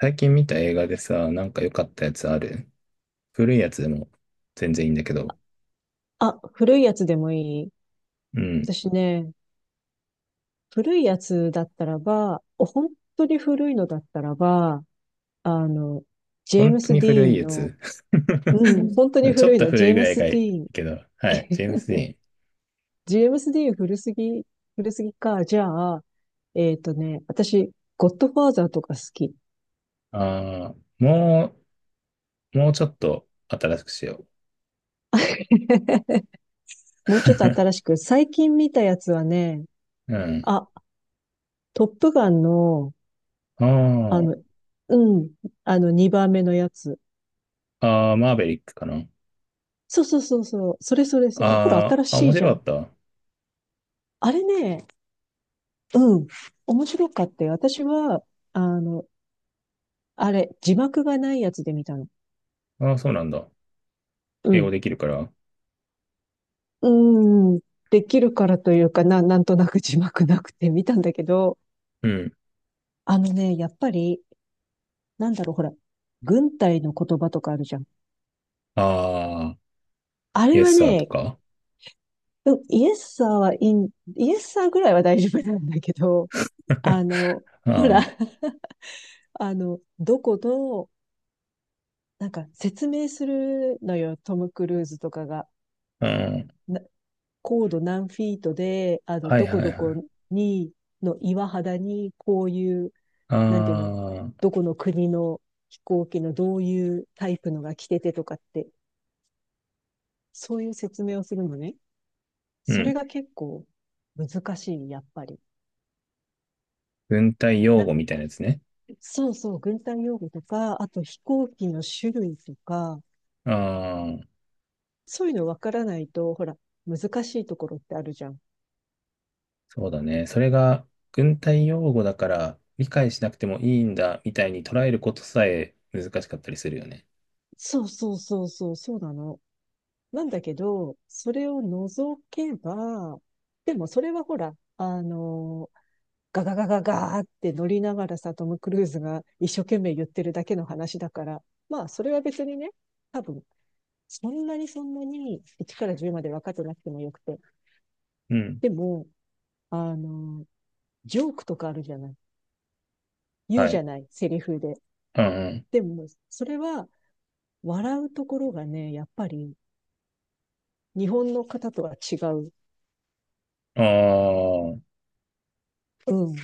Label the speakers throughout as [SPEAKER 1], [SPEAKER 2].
[SPEAKER 1] 最近見た映画でさ、なんか良かったやつある？古いやつでも全然いいんだけど。
[SPEAKER 2] あ、古いやつでもいい。
[SPEAKER 1] うん。
[SPEAKER 2] 私ね、古いやつだったらば、本当に古いのだったらば、あの、ジェー
[SPEAKER 1] 本
[SPEAKER 2] ム
[SPEAKER 1] 当
[SPEAKER 2] ス・
[SPEAKER 1] に
[SPEAKER 2] ディ
[SPEAKER 1] 古
[SPEAKER 2] ー
[SPEAKER 1] い
[SPEAKER 2] ン
[SPEAKER 1] や
[SPEAKER 2] の、
[SPEAKER 1] つ。
[SPEAKER 2] うん、本当に
[SPEAKER 1] ちょっ
[SPEAKER 2] 古い
[SPEAKER 1] と
[SPEAKER 2] の、ジ
[SPEAKER 1] 古
[SPEAKER 2] ェ
[SPEAKER 1] い
[SPEAKER 2] ー
[SPEAKER 1] ぐ
[SPEAKER 2] ム
[SPEAKER 1] らいが
[SPEAKER 2] ス・
[SPEAKER 1] い
[SPEAKER 2] デ
[SPEAKER 1] い
[SPEAKER 2] ィーン。
[SPEAKER 1] けど。はい。ジェームス・ディーン。
[SPEAKER 2] ジェームス・ディーン古すぎ、古すぎか。じゃあ、私、ゴッドファーザーとか好き。
[SPEAKER 1] ああ、もう、もうちょっと新しくしよ
[SPEAKER 2] もうちょっと新しく、最近見たやつはね、
[SPEAKER 1] う。うん。
[SPEAKER 2] あ、トップガンの、あ
[SPEAKER 1] あ
[SPEAKER 2] の、うん、2番目のやつ。
[SPEAKER 1] あ、ああ、マーベリックかな。
[SPEAKER 2] そうそうそうそう。それそれそれ。ほら、
[SPEAKER 1] あ
[SPEAKER 2] 新
[SPEAKER 1] あ、あ、
[SPEAKER 2] し
[SPEAKER 1] 面
[SPEAKER 2] いじゃ
[SPEAKER 1] 白か
[SPEAKER 2] ん。
[SPEAKER 1] った。
[SPEAKER 2] あれね、うん。面白かったよ。私は、あの、あれ、字幕がないやつで見たの。
[SPEAKER 1] ああ、そうなんだ。
[SPEAKER 2] う
[SPEAKER 1] 英語
[SPEAKER 2] ん。
[SPEAKER 1] できるから。
[SPEAKER 2] うーん。できるからというか、なんとなく字幕なくて見たんだけど、
[SPEAKER 1] うん。
[SPEAKER 2] やっぱり、なんだろう、ほら、軍隊の言葉とかあるじゃん。
[SPEAKER 1] ああ、
[SPEAKER 2] あ
[SPEAKER 1] イ
[SPEAKER 2] れ
[SPEAKER 1] エ
[SPEAKER 2] は
[SPEAKER 1] スサーと
[SPEAKER 2] ね、
[SPEAKER 1] か。
[SPEAKER 2] うんイエスサーはイン、イエスサーぐらいは大丈夫なんだけど、あ の、ほら、
[SPEAKER 1] あ
[SPEAKER 2] どこのなんか説明するのよ、トム・クルーズとかが。
[SPEAKER 1] あ、うん。
[SPEAKER 2] な高度何フィートで、
[SPEAKER 1] はい
[SPEAKER 2] どこ
[SPEAKER 1] は
[SPEAKER 2] ど
[SPEAKER 1] いはい。
[SPEAKER 2] こに、の岩肌に、こういう、なんていうの、
[SPEAKER 1] ああ、
[SPEAKER 2] どこの国の飛行機のどういうタイプのが来ててとかって、そういう説明をするのね。
[SPEAKER 1] う
[SPEAKER 2] そ
[SPEAKER 1] ん。
[SPEAKER 2] れが結構難しい、やっぱり。
[SPEAKER 1] 軍隊用
[SPEAKER 2] なん
[SPEAKER 1] 語みたいな
[SPEAKER 2] か、
[SPEAKER 1] やつね。
[SPEAKER 2] そうそう、軍隊用語とか、あと飛行機の種類とか、
[SPEAKER 1] ああ、
[SPEAKER 2] そういうのわからないと、ほら、難しいところってあるじゃん。
[SPEAKER 1] そうだね。それが軍隊用語だから理解しなくてもいいんだみたいに捉えることさえ難しかったりするよね。
[SPEAKER 2] そうそうそうそう、そうなの。なんだけど、それを除けば、でもそれはほら、ガガガガガーって乗りながらさ、トム・クルーズが一生懸命言ってるだけの話だから、まあ、それは別にね、多分、そんなに1から10まで分かってなくてもよくて。
[SPEAKER 1] うん。
[SPEAKER 2] でも、あの、ジョークとかあるじゃない。言う
[SPEAKER 1] は
[SPEAKER 2] じ
[SPEAKER 1] い。
[SPEAKER 2] ゃない、セリフで。
[SPEAKER 1] うん
[SPEAKER 2] でも、それは笑うところがね、やっぱり日本の方とは違う。
[SPEAKER 1] うん。ああ、
[SPEAKER 2] うん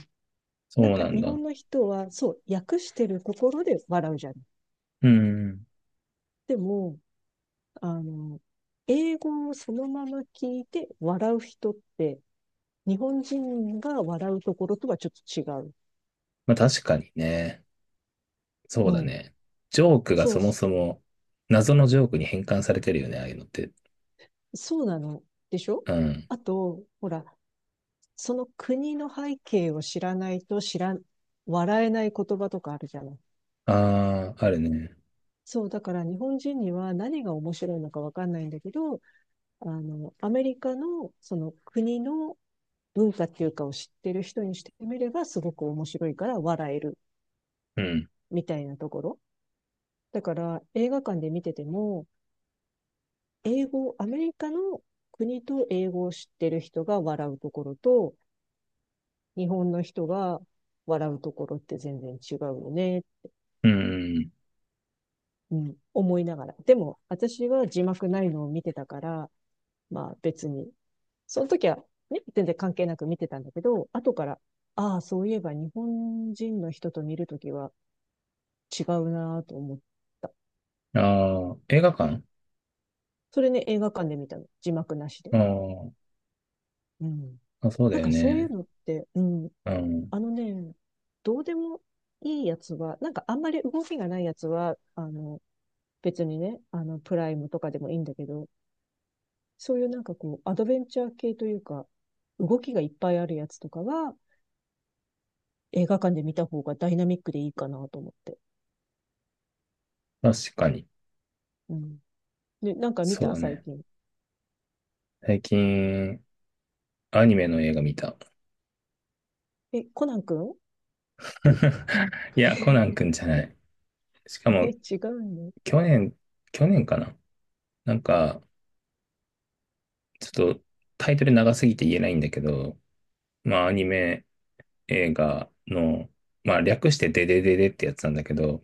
[SPEAKER 2] な
[SPEAKER 1] そ
[SPEAKER 2] ん
[SPEAKER 1] う
[SPEAKER 2] か
[SPEAKER 1] なん
[SPEAKER 2] 日
[SPEAKER 1] だ。
[SPEAKER 2] 本の人は、そう、訳してるところで笑うじゃん。
[SPEAKER 1] うん。
[SPEAKER 2] でも、あの、英語をそのまま聞いて笑う人って、日本人が笑うところとはちょっと違う。
[SPEAKER 1] まあ確かにね。そ
[SPEAKER 2] う
[SPEAKER 1] うだ
[SPEAKER 2] ん。
[SPEAKER 1] ね。ジョークが
[SPEAKER 2] そう、
[SPEAKER 1] そもそも謎のジョークに変換されてるよね、ああいうのって。
[SPEAKER 2] そうなの。でしょ
[SPEAKER 1] うん。
[SPEAKER 2] あと、ほら、その国の背景を知らないと知らん、笑えない言葉とかあるじゃない。
[SPEAKER 1] ああ、あるね。
[SPEAKER 2] そう、だから日本人には何が面白いのかわかんないんだけど、アメリカのその国の文化っていうかを知ってる人にしてみればすごく面白いから笑える
[SPEAKER 1] うん。
[SPEAKER 2] みたいなところ。だから映画館で見てても、英語、アメリカの国と英語を知ってる人が笑うところと、日本の人が笑うところって全然違うよね、
[SPEAKER 1] うん
[SPEAKER 2] うん、思いながら。でも私は字幕ないのを見てたから、まあ別に、その時は、ね、全然関係なく見てたんだけど、後から、ああ、そういえば日本人の人と見るときは、違うなぁと思った。
[SPEAKER 1] うん。ああ、映画館
[SPEAKER 2] それね、映画館で見たの。字幕なしで。
[SPEAKER 1] ああー、
[SPEAKER 2] うん。
[SPEAKER 1] あそうだ
[SPEAKER 2] なん
[SPEAKER 1] よ
[SPEAKER 2] かそういう
[SPEAKER 1] ね。
[SPEAKER 2] のって、うん。
[SPEAKER 1] うん。
[SPEAKER 2] あのね、どうでもいいやつは、なんかあんまり動きがないやつは、別にね、プライムとかでもいいんだけど、そういうなんかこう、アドベンチャー系というか、動きがいっぱいあるやつとかは、映画館で見た方がダイナミックでいいかなと思って。
[SPEAKER 1] 確かに。
[SPEAKER 2] うん。で、なんか見
[SPEAKER 1] そう
[SPEAKER 2] た
[SPEAKER 1] だ
[SPEAKER 2] 最
[SPEAKER 1] ね。
[SPEAKER 2] 近。
[SPEAKER 1] 最近、アニメの映画見た。
[SPEAKER 2] え、コナン君？
[SPEAKER 1] いや、コ ナンくんじゃない。しか
[SPEAKER 2] え、
[SPEAKER 1] も、
[SPEAKER 2] 違うの、ね、
[SPEAKER 1] 去年、去年かな。なんか、ちょっとタイトル長すぎて言えないんだけど、まあ、アニメ映画の、まあ、略してデデデデってやつなんだけど、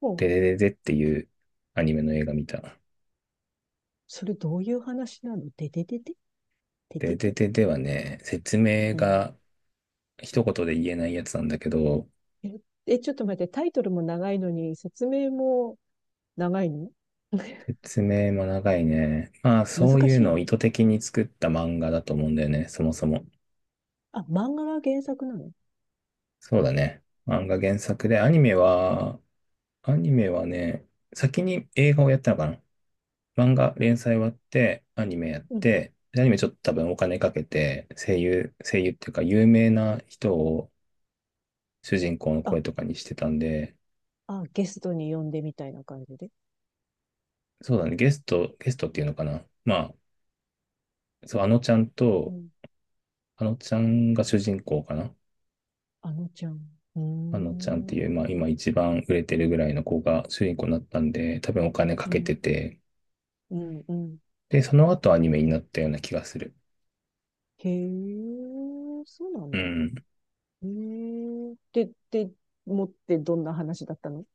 [SPEAKER 2] もう
[SPEAKER 1] デデデデっていうアニメの映画見た。
[SPEAKER 2] それどういう話なのてててててて
[SPEAKER 1] デデ
[SPEAKER 2] て
[SPEAKER 1] デ
[SPEAKER 2] て
[SPEAKER 1] デはね、説明
[SPEAKER 2] うん。
[SPEAKER 1] が一言で言えないやつなんだけど、
[SPEAKER 2] えちょっと待って、タイトルも長いのに、説明も長いの？
[SPEAKER 1] 説明も長いね。まあ、
[SPEAKER 2] 難
[SPEAKER 1] そういう
[SPEAKER 2] しい
[SPEAKER 1] のを
[SPEAKER 2] の
[SPEAKER 1] 意図的に作った漫画だと思うんだよね、そもそも。
[SPEAKER 2] あ、漫画が原作なの？
[SPEAKER 1] そうだね。漫画原作で、アニメは、アニメはね、先に映画をやったのかな。漫画連載終わって、アニメやっ
[SPEAKER 2] うん。
[SPEAKER 1] て、でアニメちょっと多分お金かけて、声優、声優っていうか有名な人を主人公の
[SPEAKER 2] あ、
[SPEAKER 1] 声とかにしてたんで、
[SPEAKER 2] あ、ゲストに呼んでみたいな感じで。
[SPEAKER 1] そうだね、ゲスト、ゲストっていうのかな。まあ、そう、あのちゃん
[SPEAKER 2] う
[SPEAKER 1] と、
[SPEAKER 2] ん。
[SPEAKER 1] あのちゃんが主人公かな。
[SPEAKER 2] あのちゃん。うー
[SPEAKER 1] あのちゃんっていう、まあ、
[SPEAKER 2] ん。
[SPEAKER 1] 今一番売れてるぐらいの子が主人公になったんで、多分お金か
[SPEAKER 2] う
[SPEAKER 1] けて
[SPEAKER 2] ん。
[SPEAKER 1] て、
[SPEAKER 2] うん。うん。
[SPEAKER 1] で、その後アニメになったような気がする。
[SPEAKER 2] へえ、そうなん
[SPEAKER 1] う
[SPEAKER 2] だ。
[SPEAKER 1] ん。
[SPEAKER 2] へえ。で、で、持ってどんな話だったの？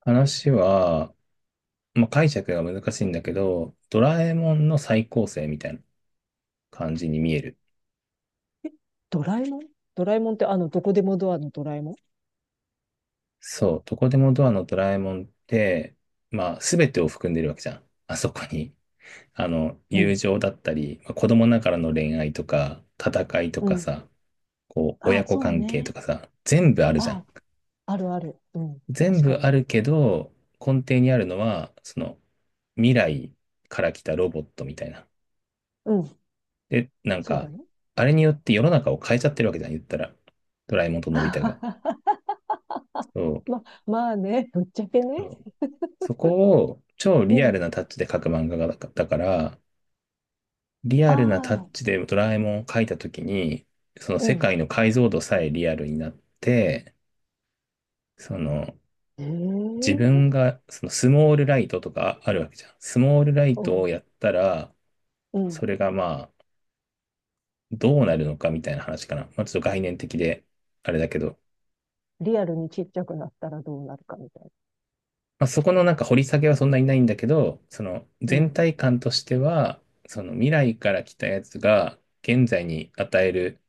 [SPEAKER 1] 話は、まあ、解釈が難しいんだけど、ドラえもんの再構成みたいな感じに見える。
[SPEAKER 2] え、ドラえもん？ドラえもんってどこでもドアのドラえもん？
[SPEAKER 1] そう、どこでもドアのドラえもんって、まあ、すべてを含んでるわけじゃん。あそこに。あの、
[SPEAKER 2] う
[SPEAKER 1] 友
[SPEAKER 2] ん。
[SPEAKER 1] 情だったり、まあ子供ながらの恋愛とか、戦いと
[SPEAKER 2] う
[SPEAKER 1] か
[SPEAKER 2] ん。
[SPEAKER 1] さ、こう、
[SPEAKER 2] あ
[SPEAKER 1] 親
[SPEAKER 2] あ、
[SPEAKER 1] 子
[SPEAKER 2] そう
[SPEAKER 1] 関係と
[SPEAKER 2] ね。
[SPEAKER 1] かさ、全部あるじゃ
[SPEAKER 2] ああ、
[SPEAKER 1] ん。
[SPEAKER 2] あるある。うん。
[SPEAKER 1] 全
[SPEAKER 2] 確
[SPEAKER 1] 部
[SPEAKER 2] か
[SPEAKER 1] あ
[SPEAKER 2] に。
[SPEAKER 1] るけど、根底にあるのは、その未来から来たロボットみたいな。
[SPEAKER 2] うん。
[SPEAKER 1] で、なん
[SPEAKER 2] そう
[SPEAKER 1] か、
[SPEAKER 2] だね。
[SPEAKER 1] あれによって世の中を変えちゃってるわけじゃん、言ったら。ドラえもんとのび太が。そう。
[SPEAKER 2] ま、まあね、ぶっちゃけ
[SPEAKER 1] そ
[SPEAKER 2] ね。
[SPEAKER 1] うそこを超
[SPEAKER 2] う
[SPEAKER 1] リアル
[SPEAKER 2] ん。
[SPEAKER 1] なタッチで描く漫画がだだから、リアルなタッ
[SPEAKER 2] あ
[SPEAKER 1] チでドラえもんを描いたときに、その
[SPEAKER 2] あ、う
[SPEAKER 1] 世界
[SPEAKER 2] ん。
[SPEAKER 1] の解像度さえリアルになって、その
[SPEAKER 2] ええ
[SPEAKER 1] 自分が、そのスモールライトとかあるわけじゃん。スモールライ
[SPEAKER 2] う
[SPEAKER 1] トを
[SPEAKER 2] ん。
[SPEAKER 1] やったら、
[SPEAKER 2] う
[SPEAKER 1] そ
[SPEAKER 2] ん。
[SPEAKER 1] れがまあ、どうなるのかみたいな話かな。まあ、ちょっと概念的で、あれだけど。
[SPEAKER 2] リアルにちっちゃくなったらどうなるかみたいな。
[SPEAKER 1] まあ、そこのなんか掘り下げはそんなにないんだけど、その
[SPEAKER 2] う
[SPEAKER 1] 全
[SPEAKER 2] ん。
[SPEAKER 1] 体感としては、その未来から来たやつが現在に与える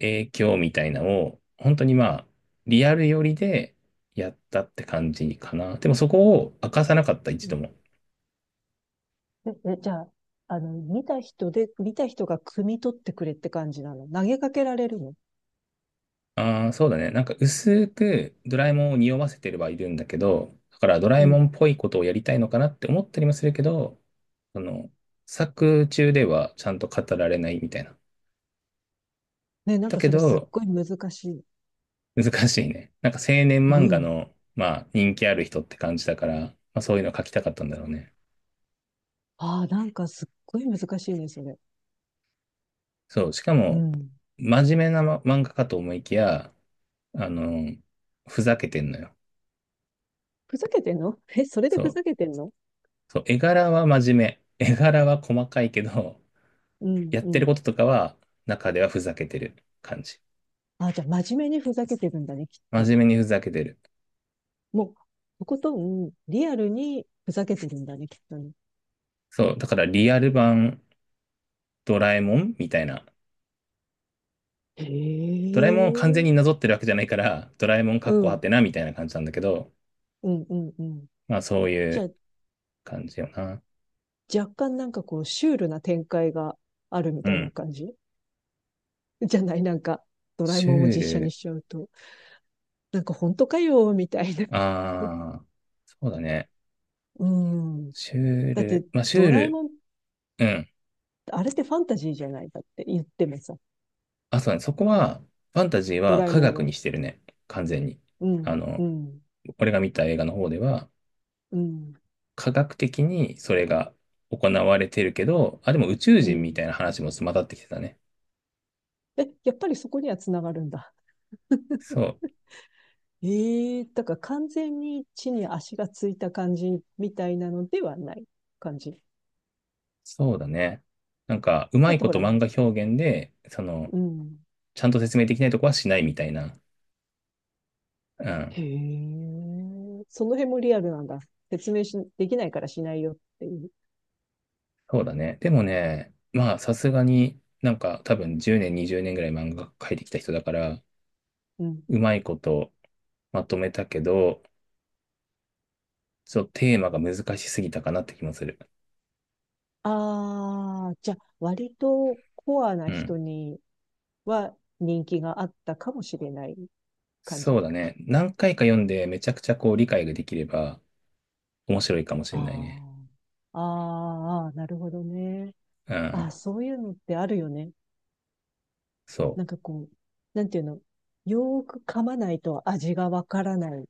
[SPEAKER 1] 影響みたいなのを、本当にまあ、リアル寄りでやったって感じかな。でもそこを明かさなかった、
[SPEAKER 2] う
[SPEAKER 1] 一度
[SPEAKER 2] ん。
[SPEAKER 1] も。
[SPEAKER 2] え、えじゃあ、見た人で、見た人が汲み取ってくれって感じなの。投げかけられるの。
[SPEAKER 1] ああ、そうだね。なんか薄くドラえもんを匂わせてればいるんだけど、だからドラ
[SPEAKER 2] う
[SPEAKER 1] えもん
[SPEAKER 2] ん。
[SPEAKER 1] っぽいことをやりたいのかなって思ったりもするけど、その、作中ではちゃんと語られないみたいな。
[SPEAKER 2] ね、なん
[SPEAKER 1] だ
[SPEAKER 2] か
[SPEAKER 1] け
[SPEAKER 2] それすっ
[SPEAKER 1] ど、
[SPEAKER 2] ごい難しい。
[SPEAKER 1] 難しいね。なんか青年
[SPEAKER 2] う
[SPEAKER 1] 漫画
[SPEAKER 2] ん。
[SPEAKER 1] の、まあ人気ある人って感じだから、まあそういうの書きたかったんだろうね。
[SPEAKER 2] ああ、なんかすっごい難しいね、それ。
[SPEAKER 1] そう、しか
[SPEAKER 2] う
[SPEAKER 1] も、
[SPEAKER 2] ん。
[SPEAKER 1] 真面目な、ま、漫画かと思いきや、あの、ふざけてんのよ。
[SPEAKER 2] ふざけてんの？ え、それで
[SPEAKER 1] そ
[SPEAKER 2] ふ
[SPEAKER 1] う、
[SPEAKER 2] ざけてんの？
[SPEAKER 1] そう、絵柄は真面目。絵柄は細かいけど、
[SPEAKER 2] うん
[SPEAKER 1] やっ
[SPEAKER 2] う
[SPEAKER 1] てる
[SPEAKER 2] ん。
[SPEAKER 1] こととかは、中ではふざけてる感じ。
[SPEAKER 2] あ、じゃあ真面目にふざけてるんだね、きっ
[SPEAKER 1] 真
[SPEAKER 2] と。
[SPEAKER 1] 面目にふざけてる。
[SPEAKER 2] もう、とことん、リアルにふざけてるんだね、きっとね。
[SPEAKER 1] そう、だからリアル版ドラえもんみたいな。
[SPEAKER 2] へ
[SPEAKER 1] ドラえもんを完全
[SPEAKER 2] え。
[SPEAKER 1] になぞってるわけじゃないから、ドラえもんか
[SPEAKER 2] う
[SPEAKER 1] っこは
[SPEAKER 2] ん、
[SPEAKER 1] てなみたいな感じなんだけど、
[SPEAKER 2] うん、うん、うん。
[SPEAKER 1] まあそうい
[SPEAKER 2] じゃ
[SPEAKER 1] う
[SPEAKER 2] あ、
[SPEAKER 1] 感じよな。
[SPEAKER 2] 若干なんかこう、シュールな展開があるみ
[SPEAKER 1] う
[SPEAKER 2] たいな
[SPEAKER 1] ん。
[SPEAKER 2] 感じ？ じゃないなんか、ドラえ
[SPEAKER 1] シ
[SPEAKER 2] もんを
[SPEAKER 1] ュー
[SPEAKER 2] 実写に
[SPEAKER 1] ル、
[SPEAKER 2] しちゃうと。なんか本当かよ、みたいな。
[SPEAKER 1] ああ、そうだね。
[SPEAKER 2] うん。
[SPEAKER 1] シュー
[SPEAKER 2] だって、
[SPEAKER 1] ル、まあシュ
[SPEAKER 2] ド
[SPEAKER 1] ー
[SPEAKER 2] ラえ
[SPEAKER 1] ル、
[SPEAKER 2] もん、
[SPEAKER 1] うん。
[SPEAKER 2] あれってファンタジーじゃないだって言ってもさ、
[SPEAKER 1] あ、そうだね。そこは、ファンタジー
[SPEAKER 2] ド
[SPEAKER 1] は
[SPEAKER 2] ラえ
[SPEAKER 1] 科
[SPEAKER 2] もん
[SPEAKER 1] 学
[SPEAKER 2] は。
[SPEAKER 1] にしてるね。完全に。
[SPEAKER 2] う
[SPEAKER 1] あ
[SPEAKER 2] ん、う
[SPEAKER 1] の、
[SPEAKER 2] ん。
[SPEAKER 1] 俺が見た映画の方では、
[SPEAKER 2] うん、
[SPEAKER 1] 科学的にそれが行われてるけど、あ、でも宇宙
[SPEAKER 2] う
[SPEAKER 1] 人み
[SPEAKER 2] ん。
[SPEAKER 1] たいな話も混ざってきてたね。
[SPEAKER 2] え、やっぱりそこにはつながるんだ。
[SPEAKER 1] そう、
[SPEAKER 2] ええだから完全に地に足がついた感じみたいなのではない感じ。
[SPEAKER 1] そうだね。なんか、うま
[SPEAKER 2] だっ
[SPEAKER 1] い
[SPEAKER 2] て
[SPEAKER 1] こ
[SPEAKER 2] ほ
[SPEAKER 1] と
[SPEAKER 2] ら、
[SPEAKER 1] 漫画表現で、その、
[SPEAKER 2] うん。
[SPEAKER 1] ちゃんと説明できないとこはしないみたいな。うん、
[SPEAKER 2] へえ、その辺もリアルなんだ。説明し、できないからしないよっていう。
[SPEAKER 1] そうだね。でもね、まあ、さすがになんか多分10年、20年ぐらい漫画描いてきた人だから、
[SPEAKER 2] うん。
[SPEAKER 1] うまいことまとめたけど、ちょっとテーマが難しすぎたかなって気もする。
[SPEAKER 2] ああ、じゃあ、割とコアな
[SPEAKER 1] うん。
[SPEAKER 2] 人には人気があったかもしれない感
[SPEAKER 1] そ
[SPEAKER 2] じ。
[SPEAKER 1] うだね。何回か読んでめちゃくちゃこう理解ができれば、面白いかもしれないね。
[SPEAKER 2] ああ、あーあー、なるほどね。
[SPEAKER 1] う
[SPEAKER 2] ああ、
[SPEAKER 1] ん。
[SPEAKER 2] そういうのってあるよね。
[SPEAKER 1] そ
[SPEAKER 2] なんかこう、なんていうの、よーく噛まないと味がわからない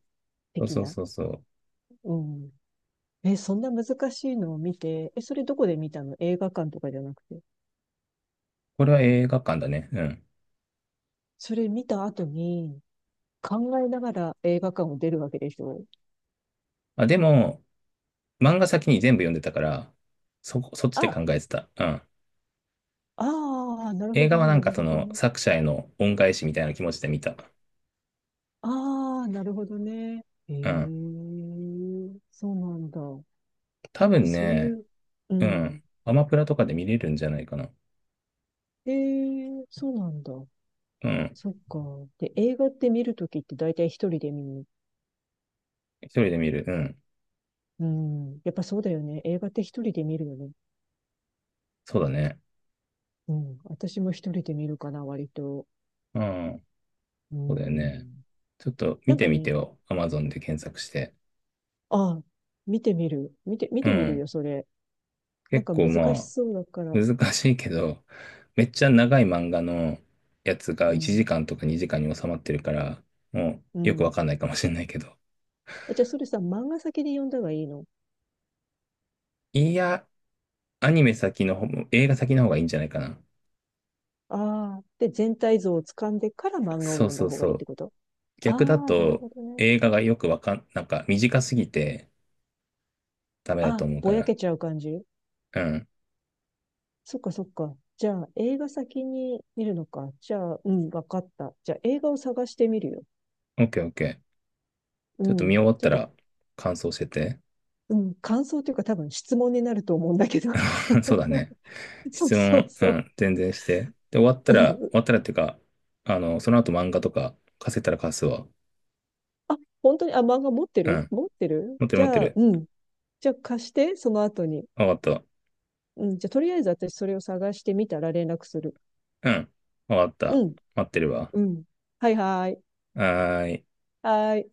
[SPEAKER 1] う。
[SPEAKER 2] 的
[SPEAKER 1] そう
[SPEAKER 2] な。
[SPEAKER 1] そうそうそう。
[SPEAKER 2] うん。え、そんな難しいのを見て、え、それどこで見たの？映画館とかじゃなくて。
[SPEAKER 1] これは映画館だね。うん。
[SPEAKER 2] それ見た後に考えながら映画館を出るわけでしょ。
[SPEAKER 1] あ、でも、漫画先に全部読んでたから、そこ、そっちで
[SPEAKER 2] あ、
[SPEAKER 1] 考えてた。うん。
[SPEAKER 2] ああ、なるほ
[SPEAKER 1] 映
[SPEAKER 2] ど
[SPEAKER 1] 画は
[SPEAKER 2] ね、
[SPEAKER 1] なん
[SPEAKER 2] な
[SPEAKER 1] か
[SPEAKER 2] る
[SPEAKER 1] そ
[SPEAKER 2] ほど
[SPEAKER 1] の
[SPEAKER 2] ね。
[SPEAKER 1] 作者への恩返しみたいな気持ちで見た。
[SPEAKER 2] ああ、なるほどね。ええ、
[SPEAKER 1] うん。
[SPEAKER 2] そうなんだ。
[SPEAKER 1] 多
[SPEAKER 2] で、
[SPEAKER 1] 分
[SPEAKER 2] そうい
[SPEAKER 1] ね、
[SPEAKER 2] う、う
[SPEAKER 1] うん。
[SPEAKER 2] ん。
[SPEAKER 1] アマプラとかで見れるんじゃないかな。
[SPEAKER 2] ええ、そうなんだ。
[SPEAKER 1] うん。
[SPEAKER 2] そっか。で、映画って見るときって大体一人で見に？
[SPEAKER 1] 一人で見る。うん。
[SPEAKER 2] うん。やっぱそうだよね。映画って一人で見るよね。
[SPEAKER 1] そうだね。
[SPEAKER 2] うん。私も一人で見るかな、割と。
[SPEAKER 1] うん。
[SPEAKER 2] う
[SPEAKER 1] そうだよね。
[SPEAKER 2] ん。
[SPEAKER 1] ちょっと
[SPEAKER 2] な
[SPEAKER 1] 見
[SPEAKER 2] ん
[SPEAKER 1] て
[SPEAKER 2] か
[SPEAKER 1] みて
[SPEAKER 2] ね、
[SPEAKER 1] よ。アマゾンで検索して。
[SPEAKER 2] ああ、見てみる。見て、見
[SPEAKER 1] う
[SPEAKER 2] てみる
[SPEAKER 1] ん。
[SPEAKER 2] よ、それ。なん
[SPEAKER 1] 結
[SPEAKER 2] か
[SPEAKER 1] 構
[SPEAKER 2] 難
[SPEAKER 1] ま
[SPEAKER 2] しそうだか
[SPEAKER 1] あ、
[SPEAKER 2] ら。
[SPEAKER 1] 難しいけど、めっちゃ長い漫画のやつ
[SPEAKER 2] う
[SPEAKER 1] が1
[SPEAKER 2] ん。
[SPEAKER 1] 時間とか2時間に収まってるから、も
[SPEAKER 2] う
[SPEAKER 1] うよくわ
[SPEAKER 2] ん。
[SPEAKER 1] かんないかもしれないけど。
[SPEAKER 2] え、じゃあそれさ、漫画先で読んだ方がいいの？
[SPEAKER 1] いや、アニメ先の方、映画先の方がいいんじゃないかな。
[SPEAKER 2] ああ。で、全体像をつかんでから漫画を
[SPEAKER 1] そう
[SPEAKER 2] 読ん
[SPEAKER 1] そ
[SPEAKER 2] だ
[SPEAKER 1] う
[SPEAKER 2] 方が
[SPEAKER 1] そ
[SPEAKER 2] いいって
[SPEAKER 1] う。
[SPEAKER 2] こと？あ
[SPEAKER 1] 逆だ
[SPEAKER 2] あ、なる
[SPEAKER 1] と
[SPEAKER 2] ほどね。
[SPEAKER 1] 映画がよくわかん、なんか短すぎてダメ
[SPEAKER 2] あ
[SPEAKER 1] だと
[SPEAKER 2] あ、
[SPEAKER 1] 思うか
[SPEAKER 2] ぼや
[SPEAKER 1] ら。
[SPEAKER 2] けちゃう感じ？
[SPEAKER 1] うん。
[SPEAKER 2] そっかそっか。じゃあ、映画先に見るのか。じゃあ、うん、わかった。じゃあ、映画を探してみるよ。
[SPEAKER 1] オッケーオッケー。
[SPEAKER 2] う
[SPEAKER 1] ちょっと見
[SPEAKER 2] ん。
[SPEAKER 1] 終わっ
[SPEAKER 2] ちょっ
[SPEAKER 1] た
[SPEAKER 2] と、
[SPEAKER 1] ら感想してて。
[SPEAKER 2] うん、感想というか多分質問になると思うんだけど。
[SPEAKER 1] そうだね。
[SPEAKER 2] そう
[SPEAKER 1] 質
[SPEAKER 2] そう
[SPEAKER 1] 問、う
[SPEAKER 2] そう。
[SPEAKER 1] ん、全然して。で、終わった
[SPEAKER 2] う
[SPEAKER 1] ら、終
[SPEAKER 2] ん。
[SPEAKER 1] わったらっていうか、その後漫画とか貸せたら貸すわ。
[SPEAKER 2] あ、本当に、あ、漫画持って
[SPEAKER 1] う
[SPEAKER 2] る
[SPEAKER 1] ん。
[SPEAKER 2] 持ってる
[SPEAKER 1] 待ってる
[SPEAKER 2] じ
[SPEAKER 1] 待って
[SPEAKER 2] ゃあ、
[SPEAKER 1] る。
[SPEAKER 2] うん。じゃあ貸して、その後に。
[SPEAKER 1] あ終わかっ
[SPEAKER 2] うん。じゃあとりあえず私それを探してみたら連絡する。
[SPEAKER 1] た。うん。終わかった。
[SPEAKER 2] うん。
[SPEAKER 1] 待ってるわ。
[SPEAKER 2] うん。はいはい。
[SPEAKER 1] はーい。
[SPEAKER 2] はい。